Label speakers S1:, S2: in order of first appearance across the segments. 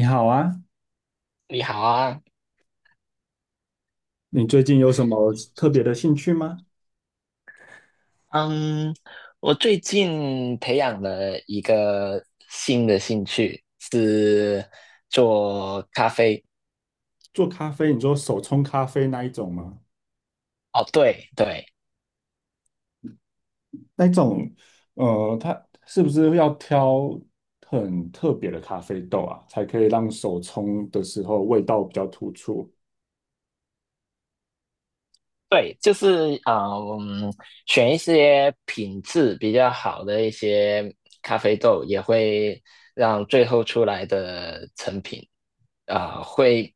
S1: 你好啊，
S2: 你好啊，
S1: 你最近有什么特别的兴趣吗？
S2: 嗯，我最近培养了一个新的兴趣，是做咖啡。
S1: 做咖啡，你说手冲咖啡那一种吗？
S2: 哦，对对，
S1: 那一种，它是不是要挑很特别的咖啡豆啊，才可以让手冲的时候味道比较突出？
S2: 对，就是啊，嗯，选一些品质比较好的一些咖啡豆，也会让最后出来的成品啊、呃会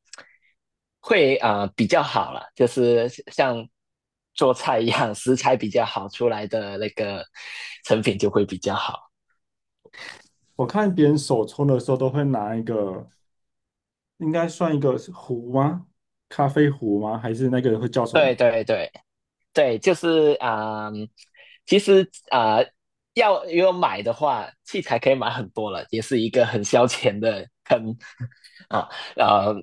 S2: 会比较好了，就是像做菜一样，食材比较好出来的那个成品就会比较好。
S1: 我看别人手冲的时候都会拿一个，应该算一个是壶吗？咖啡壶吗？还是那个会叫 什么？
S2: 对对对，对，就是其实要买的话，器材可以买很多了，也是一个很消遣的坑 啊。呃，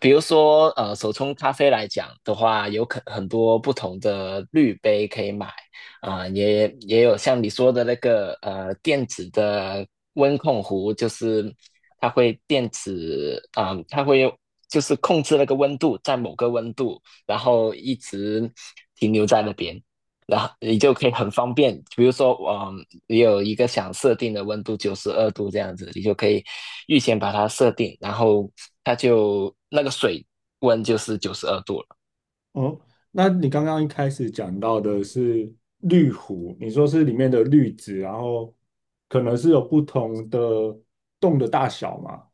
S2: 比如说手冲咖啡来讲的话，有很多不同的滤杯可以买也有像你说的那个电子的温控壶，就是它会电子啊、它会控制那个温度在某个温度然后一直停留在那边，然后你就可以很方便，比如说，你有一个想设定的温度九十二度这样子，你就可以预先把它设定，然后它就那个水温就是九十二度了。
S1: 哦，那你刚刚一开始讲到的是滤壶，你说是里面的滤纸，然后可能是有不同的洞的大小嘛？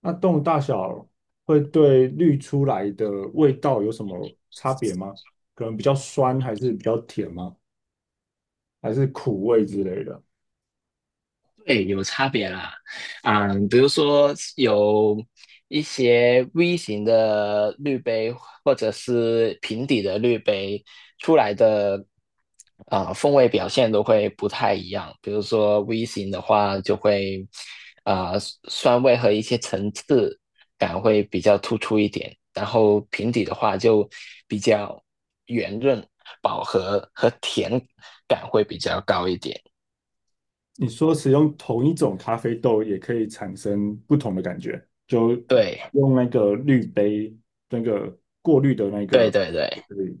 S1: 那洞的大小会对滤出来的味道有什么差别吗？可能比较酸，还是比较甜吗？还是苦味之类的？
S2: 对，有差别啦，啊，比如说有一些 V 型的滤杯或者是平底的滤杯出来的，啊，风味表现都会不太一样。比如说 V 型的话，就会啊，酸味和一些层次感会比较突出一点，然后平底的话就比较圆润、饱和和甜感会比较高一点。
S1: 你说使用同一种咖啡豆也可以产生不同的感觉，就
S2: 对，
S1: 用那个滤杯那个过滤的那
S2: 对
S1: 个。
S2: 对对。
S1: 对，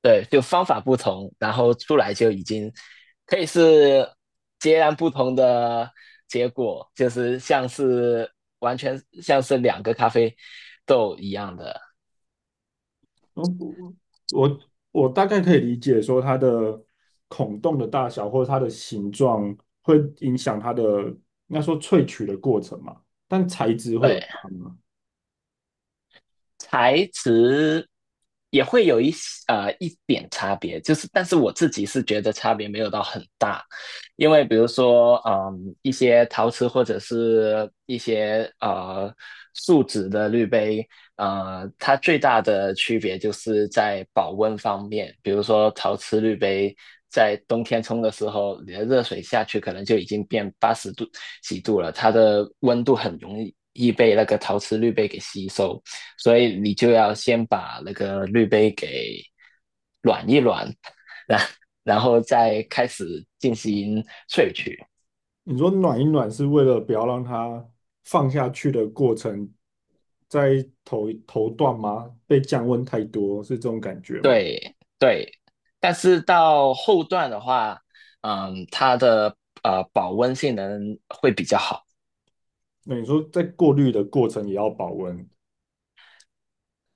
S2: 对，就方法不同，然后出来就已经可以是截然不同的结果，就是像是完全像是两个咖啡豆一样的。
S1: 我我我大概可以理解说它的孔洞的大小或者它的形状会影响它的应该说萃取的过程嘛，但材质会有
S2: 对，
S1: 差吗？
S2: 材质也会有一些一点差别，就是但是我自己是觉得差别没有到很大，因为比如说一些陶瓷或者是一些树脂的滤杯，它最大的区别就是在保温方面，比如说陶瓷滤杯。在冬天冲的时候，你的热水下去可能就已经变80度几度了，它的温度很容易被那个陶瓷滤杯给吸收。所以你就要先把那个滤杯给软一软，然然后再开始进行萃取。
S1: 你说暖一暖是为了不要让它放下去的过程在头段吗？被降温太多是这种感觉吗？
S2: 对对，但是到后段的话，它的保温性能会比较好。
S1: 那你说在过滤的过程也要保温，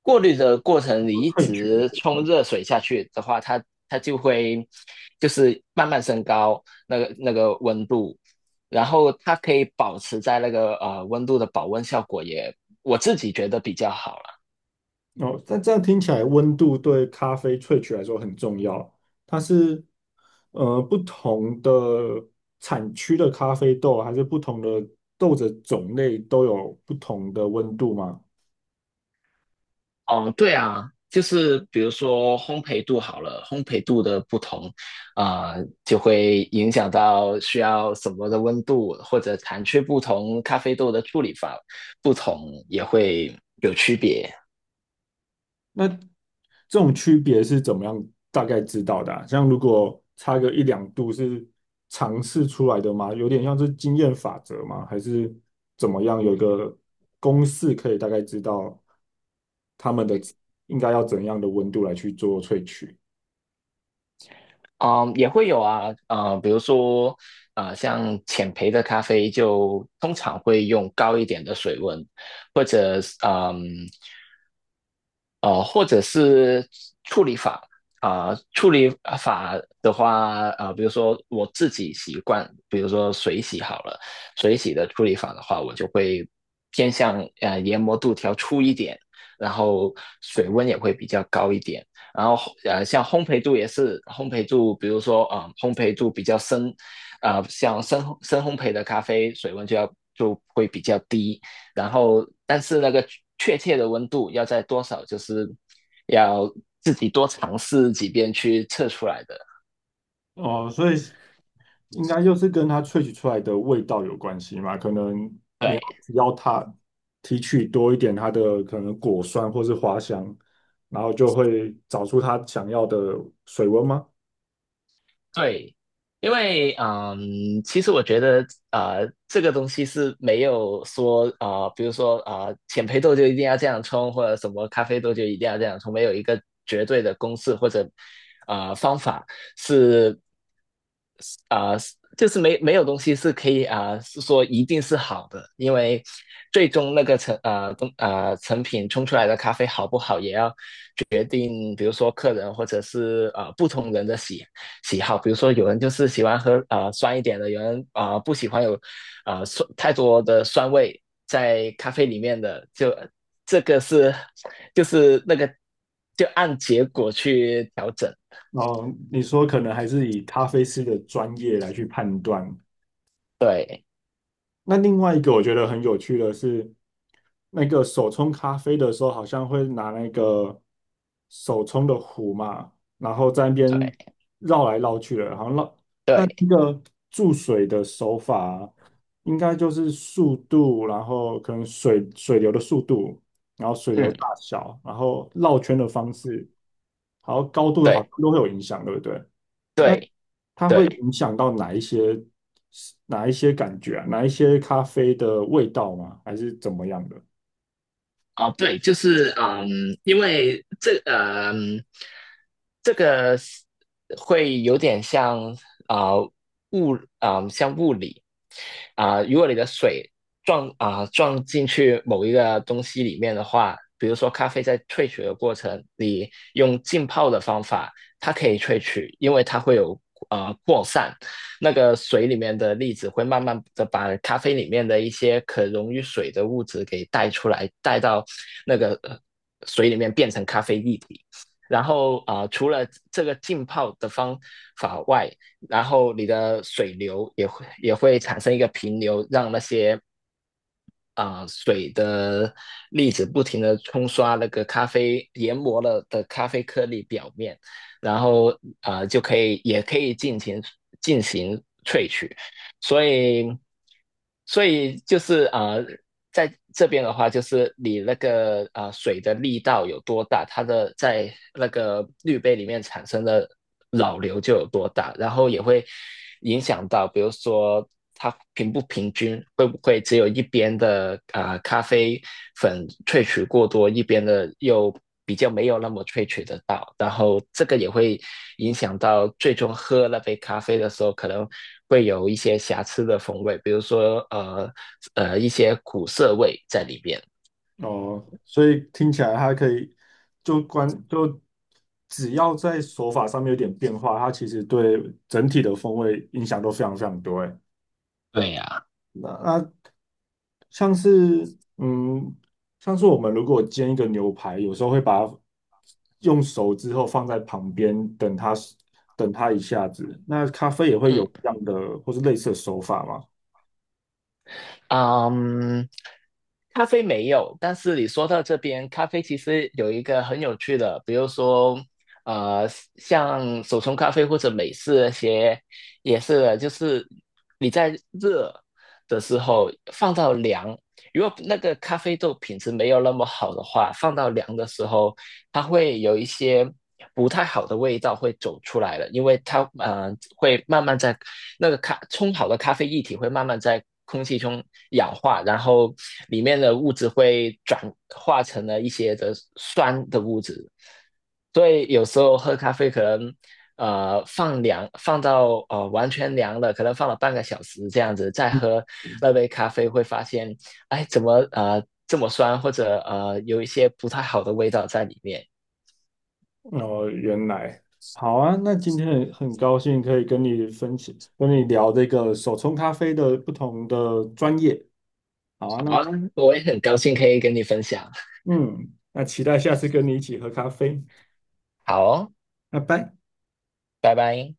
S2: 过滤的过程你一
S1: 萃取的
S2: 直
S1: 过
S2: 冲
S1: 程
S2: 热水下去的话，它就会就是慢慢升高那个温度，然后它可以保持在那个温度的保温效果也，我自己觉得比较好了。
S1: 哦，但这样听起来，温度对咖啡萃取来说很重要。它是不同的产区的咖啡豆，还是不同的豆子种类都有不同的温度吗？
S2: 哦，对啊，就是比如说烘焙度好了，烘焙度的不同，啊、就会影响到需要什么的温度，或者产区不同，咖啡豆的处理法不同也会有区别。
S1: 那这种区别是怎么样大概知道的啊，像如果差个一两度是尝试出来的吗？有点像是经验法则吗？还是怎么样？有个公式可以大概知道他们的应该要怎样的温度来去做萃取？
S2: 嗯，也会有啊，比如说，啊，像浅焙的咖啡就通常会用高一点的水温，或者是，或者是处理法啊、处理的话，比如说我自己习惯，比如说水洗好了，水洗的处理法的话，我就会偏向研磨度调粗一点，然后水温也会比较高一点。然后像烘焙度也是烘焙度，比如说烘焙度比较深，像深深烘焙的咖啡水温就会比较低，然后但是那个确切的温度要在多少，就是要自己多尝试几遍去测出来的。
S1: 哦，所以应该就是跟它萃取出来的味道有关系嘛。可能你要
S2: 对，
S1: 只要它提取多一点它的可能果酸或是花香，然后就会找出它想要的水温吗？
S2: 对，因为其实我觉得这个东西是没有说比如说浅焙豆就一定要这样冲，或者什么咖啡豆就一定要这样冲，没有一个绝对的公式或者方法是啊、呃就是没有东西是可以是说一定是好的，因为最终那个成品冲出来的咖啡好不好，也要定，比如说客人或者是不同人的喜好，比如说有人就是喜欢喝酸一点的，有人不喜欢有酸太多的酸味在咖啡里面的，就这个是就是那个就按结果去调整，
S1: 哦，你说可能还是以咖啡师的专业来去判断。
S2: 对
S1: 那另外一个我觉得很有趣的是，那个手冲咖啡的时候，好像会拿那个手冲的壶嘛，然后在那边
S2: 对
S1: 绕来绕去的，好像绕那
S2: 对，
S1: 一个注水的手法，应该就是速度，然后可能水流的速度，然后水流大
S2: 嗯
S1: 小，然后绕圈的方式，还有高度，好像
S2: 对
S1: 都会有影响，对不对？那
S2: 对
S1: 它会
S2: 对
S1: 影响到哪一些哪一些感觉啊？哪一些咖啡的味道吗？还是怎么样的？
S2: 哦，对，就是因为这个是会有点啊、呃物像物理，如果你的水撞进去某一个东西里面的话，比如说咖啡在萃取的过程，你用浸泡的方法，它可以萃取，因为它会有扩散，那个水里面的粒子会慢慢的把咖啡里面的一些可溶于水的物质给带出来，带到那个水里面变成咖啡液体。然后除了这个浸泡的方法外，然后你的水流也会产生一个平流，让那些水的粒子不停的冲刷那个咖啡研磨了的咖啡颗粒表面，然后就可以也可以进行萃取，所以所以就是在这边的话，就是你那个水的力道有多大，它的在那个滤杯里面产生的老流就有多大，然后也会影响到，比如说它平不平均，会不会只有一边的咖啡粉萃取过多，一边的又比较没有那么萃取得到，然后这个也会影响到最终喝那杯咖啡的时候，可能会有一些瑕疵的风味，比如说一些苦涩味在里边。
S1: 哦，所以听起来它可以就关就只要在手法上面有点变化，它其实对整体的风味影响都非常非常多欸。
S2: 对呀，
S1: 那像是像是我们如果煎一个牛排，有时候会把它用熟之后放在旁边，等它等它一下子。那咖啡也会有
S2: 嗯
S1: 这样的或是类似的手法吗？
S2: 嗯，咖啡没有，但是你说到这边，咖啡其实有一个很有趣的，比如说，呃，像手冲咖啡或者美式那些，也是的，就是你在热的时候放到凉，如果那个咖啡豆品质没有那么好的话，放到凉的时候，它会有一些不太好的味道会走出来了，因为它会慢慢在那个咖冲好的咖啡液体会慢慢在空气中氧化，然后里面的物质会转化成了一些的酸的物质，所以有时候喝咖啡可能。放凉，放到完全凉了，可能放了半个小时这样子，再喝
S1: 嗯，
S2: 那杯咖啡，会发现哎，怎么这么酸，或者有一些不太好的味道在里面。
S1: 哦，原来好啊。那今天很高兴可以跟你分享，跟你聊这个手冲咖啡的不同的专业。好啊，
S2: 好
S1: 那
S2: 啊，我也很高兴可以跟你分享。
S1: 嗯，那期待下次跟你一起喝咖啡。
S2: 好哦，
S1: 拜拜。
S2: 拜拜。